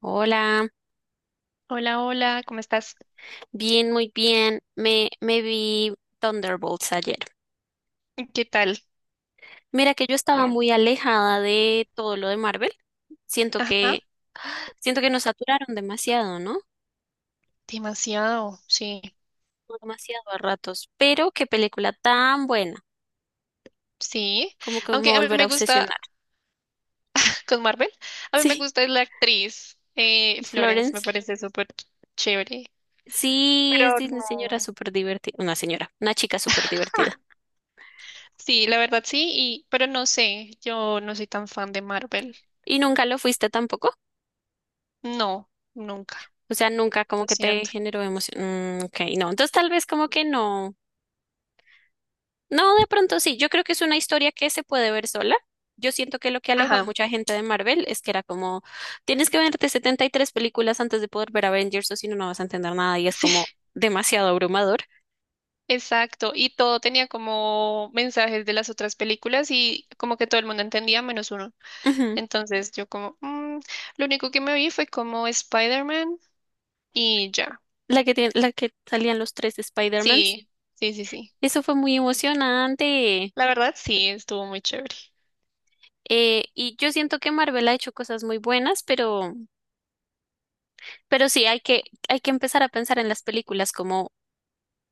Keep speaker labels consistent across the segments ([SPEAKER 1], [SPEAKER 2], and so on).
[SPEAKER 1] Hola,
[SPEAKER 2] Hola, hola, ¿cómo estás?
[SPEAKER 1] bien, muy bien. Me vi Thunderbolts ayer.
[SPEAKER 2] ¿Qué tal?
[SPEAKER 1] Mira que yo estaba muy alejada de todo lo de Marvel. Siento
[SPEAKER 2] Ajá,
[SPEAKER 1] que, siento que nos saturaron demasiado, ¿no?
[SPEAKER 2] demasiado, sí,
[SPEAKER 1] Demasiado a ratos. Pero qué película tan buena.
[SPEAKER 2] sí.
[SPEAKER 1] Como que me volverá
[SPEAKER 2] Aunque
[SPEAKER 1] a
[SPEAKER 2] a mí
[SPEAKER 1] volver
[SPEAKER 2] me
[SPEAKER 1] a
[SPEAKER 2] gusta,
[SPEAKER 1] obsesionar.
[SPEAKER 2] con Marvel, a mí me
[SPEAKER 1] Sí,
[SPEAKER 2] gusta la actriz Florence, me
[SPEAKER 1] Florence.
[SPEAKER 2] parece súper chévere.
[SPEAKER 1] Sí,
[SPEAKER 2] Pero
[SPEAKER 1] es una señora
[SPEAKER 2] no.
[SPEAKER 1] súper divertida. Una señora, una chica súper
[SPEAKER 2] Ah,
[SPEAKER 1] divertida.
[SPEAKER 2] sí, la verdad sí, y, pero no sé, yo no soy tan fan de Marvel.
[SPEAKER 1] ¿Y nunca lo fuiste tampoco?
[SPEAKER 2] No, nunca,
[SPEAKER 1] O sea, nunca como
[SPEAKER 2] lo
[SPEAKER 1] que te
[SPEAKER 2] siento.
[SPEAKER 1] generó emoción. Mm, ok, no. Entonces tal vez como que no. No, de pronto sí, yo creo que es una historia que se puede ver sola. Yo siento que lo que alejó a
[SPEAKER 2] Ajá,
[SPEAKER 1] mucha gente de Marvel es que era como, tienes que verte 73 películas antes de poder ver Avengers o si no, no vas a entender nada y es como
[SPEAKER 2] sí,
[SPEAKER 1] demasiado abrumador.
[SPEAKER 2] exacto. Y todo tenía como mensajes de las otras películas y como que todo el mundo entendía menos uno.
[SPEAKER 1] Ujú.
[SPEAKER 2] Entonces yo como, "Mm". Lo único que me vi fue como Spider-Man y ya.
[SPEAKER 1] La que la que salían los tres Spider-Mans.
[SPEAKER 2] Sí, sí, sí, sí.
[SPEAKER 1] Eso fue muy emocionante.
[SPEAKER 2] La verdad, sí, estuvo muy chévere.
[SPEAKER 1] Y yo siento que Marvel ha hecho cosas muy buenas, pero sí hay que empezar a pensar en las películas como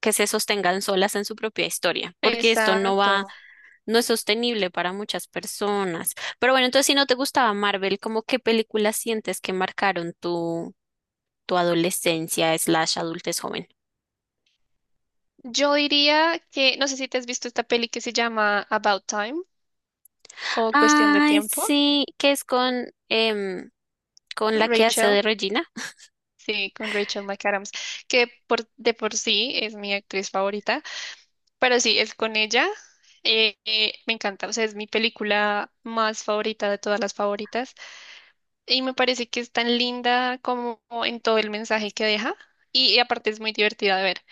[SPEAKER 1] que se sostengan solas en su propia historia, porque esto no va
[SPEAKER 2] Exacto.
[SPEAKER 1] no es sostenible para muchas personas. Pero bueno, entonces si no te gustaba Marvel, ¿cómo qué películas sientes que marcaron tu adolescencia slash adultez joven?
[SPEAKER 2] Yo diría que, no sé si te has visto esta peli que se llama About Time o Cuestión de
[SPEAKER 1] Ay,
[SPEAKER 2] Tiempo,
[SPEAKER 1] sí, que es con, con la que hace de
[SPEAKER 2] Rachel.
[SPEAKER 1] Regina,
[SPEAKER 2] Sí, con Rachel McAdams, que por, de por sí es mi actriz favorita, pero sí, es con ella. Me encanta, o sea, es mi película más favorita de todas las favoritas. Y me parece que es tan linda como en todo el mensaje que deja. Y aparte es muy divertida de ver.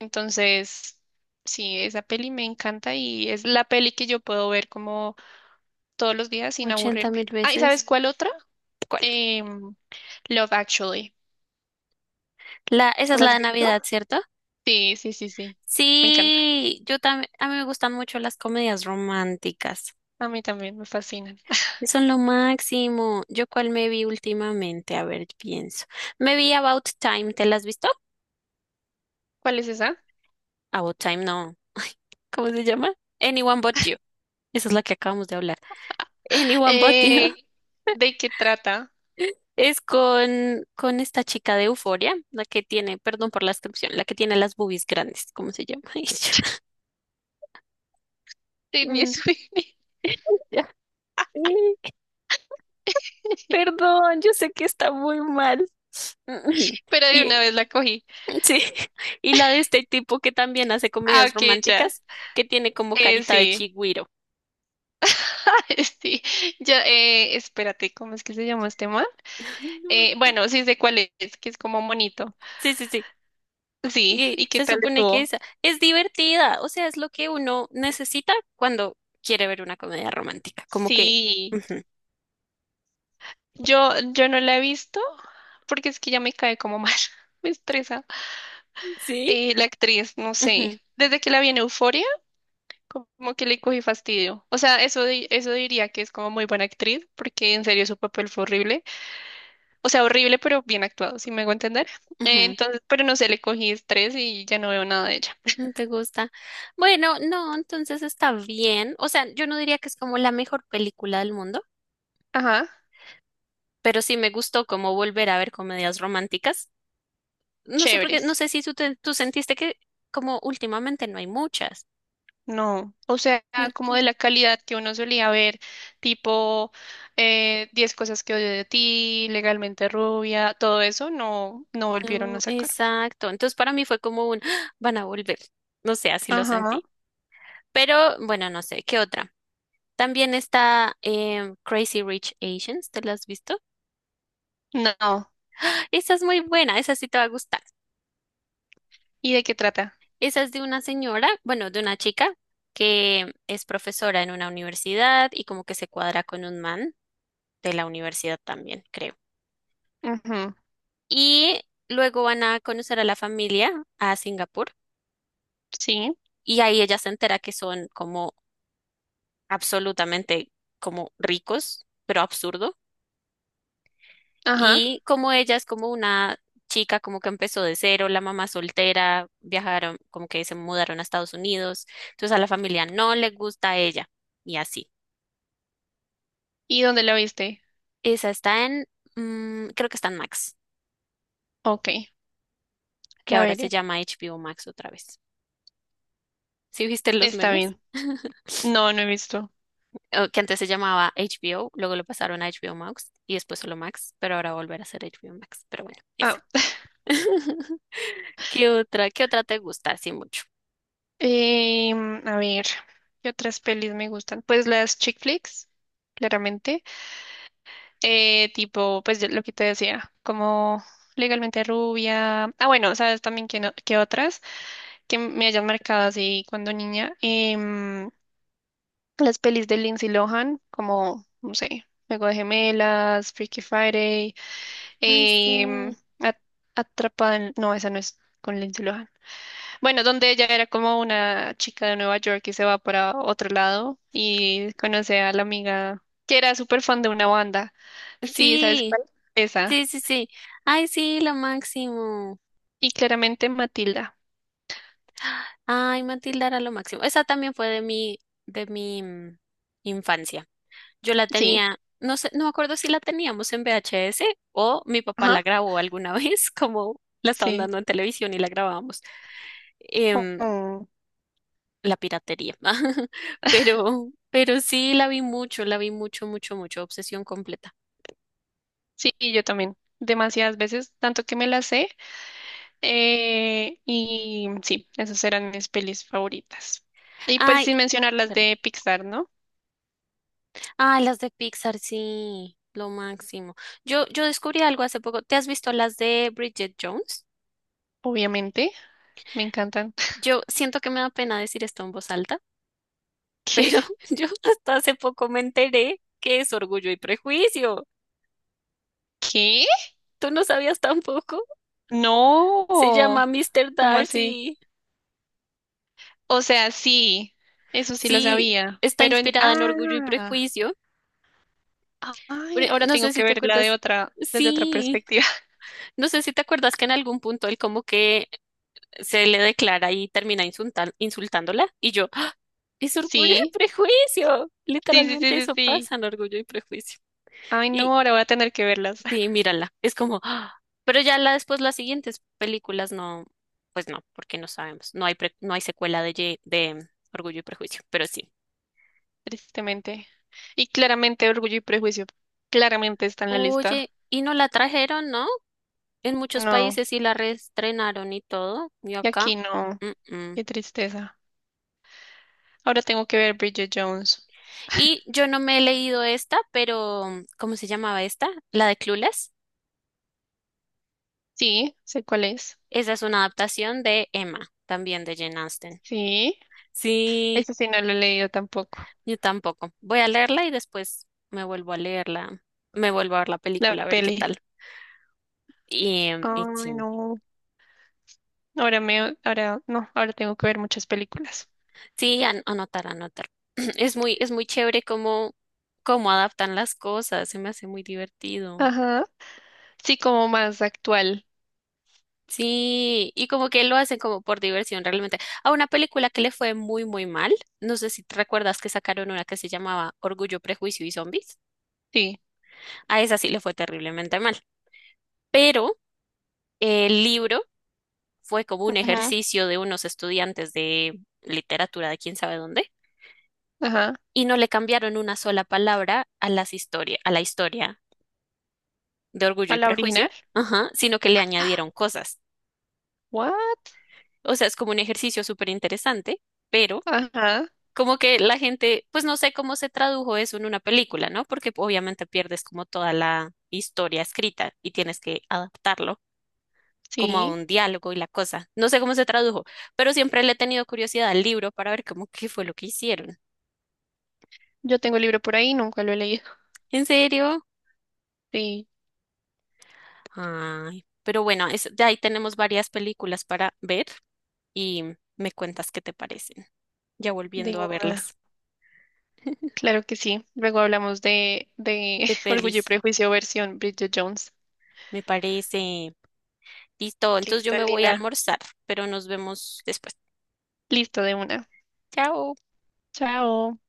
[SPEAKER 2] Entonces, sí, esa peli me encanta y es la peli que yo puedo ver como todos los días sin
[SPEAKER 1] ochenta
[SPEAKER 2] aburrirme.
[SPEAKER 1] mil
[SPEAKER 2] Ah, ¿y
[SPEAKER 1] veces.
[SPEAKER 2] sabes cuál otra?
[SPEAKER 1] ¿Cuál?
[SPEAKER 2] Em, Love Actually.
[SPEAKER 1] La, esa es
[SPEAKER 2] ¿La
[SPEAKER 1] la
[SPEAKER 2] has
[SPEAKER 1] de
[SPEAKER 2] visto?
[SPEAKER 1] Navidad, ¿cierto?
[SPEAKER 2] Sí, sí, sí, sí. Me encanta.
[SPEAKER 1] Sí, yo también, a mí me gustan mucho las comedias románticas.
[SPEAKER 2] A mí también me fascinan.
[SPEAKER 1] Son lo máximo. ¿Yo cuál me vi últimamente? A ver, pienso. Me vi About Time, ¿te la has visto?
[SPEAKER 2] ¿Cuál es esa?
[SPEAKER 1] About Time no. ¿Cómo se llama? Anyone But You. Esa es la que acabamos de hablar. Anyone But You
[SPEAKER 2] Eh, ¿De qué trata?
[SPEAKER 1] es con esta chica de Euforia, la que tiene, perdón por la descripción, la que tiene las boobies grandes. ¿Cómo se llama ella?
[SPEAKER 2] Sydney
[SPEAKER 1] Mm,
[SPEAKER 2] Sweeney.
[SPEAKER 1] ya. Eh, Perdón, yo sé que está muy mal. Mm,
[SPEAKER 2] Pero de
[SPEAKER 1] Y
[SPEAKER 2] una vez la cogí.
[SPEAKER 1] sí, y la de este tipo que también hace
[SPEAKER 2] Ah,
[SPEAKER 1] comedias
[SPEAKER 2] ok, ya.
[SPEAKER 1] románticas, que tiene como carita de
[SPEAKER 2] Sí.
[SPEAKER 1] chigüiro.
[SPEAKER 2] Sí, ya, espérate, ¿cómo es que se llama este man?
[SPEAKER 1] Ay, no me acuerdo.
[SPEAKER 2] Bueno, sí sé cuál es, que es como monito.
[SPEAKER 1] Sí, sí, sí.
[SPEAKER 2] Sí,
[SPEAKER 1] Y
[SPEAKER 2] ¿y qué
[SPEAKER 1] se
[SPEAKER 2] tal
[SPEAKER 1] supone que
[SPEAKER 2] estuvo?
[SPEAKER 1] esa es divertida, o sea, es lo que uno necesita cuando quiere ver una comedia romántica, como que,
[SPEAKER 2] Sí,
[SPEAKER 1] ujú,
[SPEAKER 2] yo no la he visto porque es que ya me cae como mal, me estresa.
[SPEAKER 1] sí,
[SPEAKER 2] La actriz, no sé,
[SPEAKER 1] ujú,
[SPEAKER 2] desde que la vi en Euforia, como que le cogí fastidio. O sea, eso, eso diría que es como muy buena actriz porque en serio su papel fue horrible. O sea, horrible, pero bien actuado, si me hago entender.
[SPEAKER 1] ujú,
[SPEAKER 2] Entonces, pero no sé, le cogí estrés y ya no veo nada de ella.
[SPEAKER 1] no te gusta. Bueno, no, entonces está bien, o sea, yo no diría que es como la mejor película del mundo,
[SPEAKER 2] Ajá.
[SPEAKER 1] pero sí me gustó como volver a ver comedias románticas. No sé por qué, no
[SPEAKER 2] Chéveres.
[SPEAKER 1] sé si tú sentiste que como últimamente no hay muchas,
[SPEAKER 2] No, o sea, como
[SPEAKER 1] ¿cierto?
[SPEAKER 2] de la calidad que uno solía ver, tipo 10 cosas que odio de ti, legalmente rubia, todo eso no, no volvieron a
[SPEAKER 1] No,
[SPEAKER 2] sacar.
[SPEAKER 1] exacto. Entonces para mí fue como un, "Ah, van a volver, no sé, así lo
[SPEAKER 2] Ajá,
[SPEAKER 1] sentí". Pero bueno, no sé, ¿qué otra? También está Crazy Rich Asians, ¿te la has visto?
[SPEAKER 2] no.
[SPEAKER 1] Esa es muy buena, esa sí te va a gustar.
[SPEAKER 2] ¿Y de qué trata?
[SPEAKER 1] Esa es de una señora, bueno, de una chica que es profesora en una universidad y como que se cuadra con un man de la universidad también, creo.
[SPEAKER 2] Ujú,
[SPEAKER 1] Y luego van a conocer a la familia a Singapur
[SPEAKER 2] sí,
[SPEAKER 1] y ahí ella se entera que son como absolutamente como ricos, pero absurdo.
[SPEAKER 2] ajá.
[SPEAKER 1] Y como ella es como una chica como que empezó de cero, la mamá soltera, viajaron, como que se mudaron a Estados Unidos, entonces a la familia no le gusta a ella y así.
[SPEAKER 2] ¿Y dónde la viste?
[SPEAKER 1] Esa está en, creo que está en Max,
[SPEAKER 2] Ok,
[SPEAKER 1] que
[SPEAKER 2] la
[SPEAKER 1] ahora se
[SPEAKER 2] veré.
[SPEAKER 1] llama HBO Max otra vez. ¿Sí viste los
[SPEAKER 2] Está
[SPEAKER 1] memes?
[SPEAKER 2] bien. No, no he visto.
[SPEAKER 1] O que antes se llamaba HBO, luego lo pasaron a HBO Max y después solo Max, pero ahora volver a ser HBO Max. Pero bueno, esa.
[SPEAKER 2] Ah,
[SPEAKER 1] ¿Qué otra? ¿Qué otra te gusta así mucho?
[SPEAKER 2] a ver, ¿qué otras pelis me gustan? Pues las chick flicks, claramente. Tipo, pues lo que te decía, como legalmente rubia. Ah, bueno, sabes también que, que otras que me hayan marcado así cuando niña. Las pelis de Lindsay Lohan, como, no sé, Juego de Gemelas, Freaky Friday,
[SPEAKER 1] Ay,
[SPEAKER 2] em,
[SPEAKER 1] sí.
[SPEAKER 2] Atrapada en... No, esa no es con Lindsay Lohan. Bueno, donde ella era como una chica de Nueva York y se va para otro lado y conoce a la amiga que era súper fan de una banda. Sí, ¿sabes
[SPEAKER 1] Sí,
[SPEAKER 2] cuál? Esa.
[SPEAKER 1] sí, sí, sí. Ay, sí, lo máximo.
[SPEAKER 2] Y claramente Matilda.
[SPEAKER 1] Ay, Matilda era lo máximo. Esa también fue de mi infancia. Yo la
[SPEAKER 2] Sí,
[SPEAKER 1] tenía, no sé, no me acuerdo si la teníamos en VHS o mi papá
[SPEAKER 2] ajá.
[SPEAKER 1] la grabó alguna vez, como la estaban
[SPEAKER 2] Sí.
[SPEAKER 1] dando en televisión y la grabábamos. Em,
[SPEAKER 2] Oh,
[SPEAKER 1] la piratería. Pero sí, la vi mucho, mucho, mucho. Obsesión completa.
[SPEAKER 2] sí, y yo también. Demasiadas veces, tanto que me las sé. Y sí, esas eran mis pelis favoritas. Y pues
[SPEAKER 1] Ay,
[SPEAKER 2] sin mencionar las
[SPEAKER 1] perdón.
[SPEAKER 2] de Pixar, ¿no?
[SPEAKER 1] Ah, las de Pixar, sí, lo máximo. Yo descubrí algo hace poco. ¿Te has visto las de Bridget Jones?
[SPEAKER 2] Obviamente, me encantan.
[SPEAKER 1] Yo siento que me da pena decir esto en voz alta,
[SPEAKER 2] ¿Qué?
[SPEAKER 1] pero yo hasta hace poco me enteré que es Orgullo y Prejuicio.
[SPEAKER 2] ¿Qué?
[SPEAKER 1] ¿Tú no sabías tampoco? Se llama
[SPEAKER 2] No.
[SPEAKER 1] Mr.
[SPEAKER 2] ¿Cómo así?
[SPEAKER 1] Darcy.
[SPEAKER 2] O sea, sí, eso sí lo
[SPEAKER 1] Sí,
[SPEAKER 2] sabía.
[SPEAKER 1] está
[SPEAKER 2] Pero en...
[SPEAKER 1] inspirada en Orgullo y
[SPEAKER 2] Ah,
[SPEAKER 1] Prejuicio. Pero
[SPEAKER 2] ay, ahora
[SPEAKER 1] no
[SPEAKER 2] tengo
[SPEAKER 1] sé si
[SPEAKER 2] que
[SPEAKER 1] te
[SPEAKER 2] verla de
[SPEAKER 1] acuerdas.
[SPEAKER 2] otra, desde otra
[SPEAKER 1] Sí,
[SPEAKER 2] perspectiva.
[SPEAKER 1] no sé si te acuerdas que en algún punto él como que se le declara y termina insultándola. Y yo, ¡ah!, es orgullo y
[SPEAKER 2] Sí,
[SPEAKER 1] prejuicio.
[SPEAKER 2] sí, sí, sí,
[SPEAKER 1] Literalmente
[SPEAKER 2] sí,
[SPEAKER 1] eso
[SPEAKER 2] sí.
[SPEAKER 1] pasa en orgullo y prejuicio.
[SPEAKER 2] Ay,
[SPEAKER 1] Y
[SPEAKER 2] no, ahora voy a tener que verlas,
[SPEAKER 1] sí, mírala, es como, ¡ah! Pero ya la, después las siguientes películas no, pues no, porque no sabemos. No hay secuela de orgullo y prejuicio, pero sí.
[SPEAKER 2] tristemente. Y claramente Orgullo y Prejuicio, claramente está en la lista.
[SPEAKER 1] Oye, y no la trajeron, ¿no? En muchos
[SPEAKER 2] No,
[SPEAKER 1] países sí la reestrenaron y todo. Y
[SPEAKER 2] y
[SPEAKER 1] acá.
[SPEAKER 2] aquí no,
[SPEAKER 1] Mm, mm.
[SPEAKER 2] qué tristeza. Ahora tengo que ver Bridget Jones.
[SPEAKER 1] Y yo no me he leído esta, pero ¿cómo se llamaba esta? La de Clueless.
[SPEAKER 2] Sí, sé cuál es.
[SPEAKER 1] Esa es una adaptación de Emma, también de Jane Austen.
[SPEAKER 2] Sí,
[SPEAKER 1] Sí,
[SPEAKER 2] eso sí no lo he leído tampoco.
[SPEAKER 1] yo tampoco. Voy a leerla y después me vuelvo a leerla, me vuelvo a ver la
[SPEAKER 2] La
[SPEAKER 1] película, a ver qué
[SPEAKER 2] peli.
[SPEAKER 1] tal. Y
[SPEAKER 2] Ay,
[SPEAKER 1] sí,
[SPEAKER 2] no. Ahora me, ahora, no, ahora tengo que ver muchas películas.
[SPEAKER 1] sí, anotar, anotar. Es muy chévere cómo, cómo adaptan las cosas, se me hace muy divertido.
[SPEAKER 2] Ajá. Sí, como más actual.
[SPEAKER 1] Sí, y como que lo hacen como por diversión realmente. A una película que le fue muy, muy mal, no sé si te recuerdas que sacaron una que se llamaba Orgullo, Prejuicio y Zombies,
[SPEAKER 2] Sí.
[SPEAKER 1] a esa sí le fue terriblemente mal. Pero el libro fue como un
[SPEAKER 2] Ajá.
[SPEAKER 1] ejercicio de unos estudiantes de literatura de quién sabe dónde,
[SPEAKER 2] Ajá.
[SPEAKER 1] y no le cambiaron una sola palabra a a la historia de Orgullo
[SPEAKER 2] ¿A
[SPEAKER 1] y
[SPEAKER 2] la
[SPEAKER 1] Prejuicio,
[SPEAKER 2] original?
[SPEAKER 1] ajá, sino que le añadieron cosas.
[SPEAKER 2] What?
[SPEAKER 1] O sea, es como un ejercicio súper interesante, pero
[SPEAKER 2] Ajá.
[SPEAKER 1] como que la gente, pues no sé cómo se tradujo eso en una película, ¿no? Porque obviamente pierdes como toda la historia escrita y tienes que adaptarlo como a
[SPEAKER 2] Sí.
[SPEAKER 1] un diálogo y la cosa. No sé cómo se tradujo, pero siempre le he tenido curiosidad al libro para ver cómo qué fue lo que hicieron.
[SPEAKER 2] Yo tengo el libro por ahí, nunca lo he leído.
[SPEAKER 1] ¿En serio?
[SPEAKER 2] Sí,
[SPEAKER 1] Ay, pero bueno, de ahí tenemos varias películas para ver y me cuentas qué te parecen, ya
[SPEAKER 2] de
[SPEAKER 1] volviendo a
[SPEAKER 2] una.
[SPEAKER 1] verlas.
[SPEAKER 2] Claro que sí. Luego hablamos de
[SPEAKER 1] De
[SPEAKER 2] Orgullo y
[SPEAKER 1] pelis,
[SPEAKER 2] Prejuicio versión Bridget Jones.
[SPEAKER 1] me parece. Listo, entonces yo
[SPEAKER 2] Listo,
[SPEAKER 1] me voy a
[SPEAKER 2] Lina.
[SPEAKER 1] almorzar, pero nos vemos después.
[SPEAKER 2] Listo, de una.
[SPEAKER 1] Chao.
[SPEAKER 2] Chao.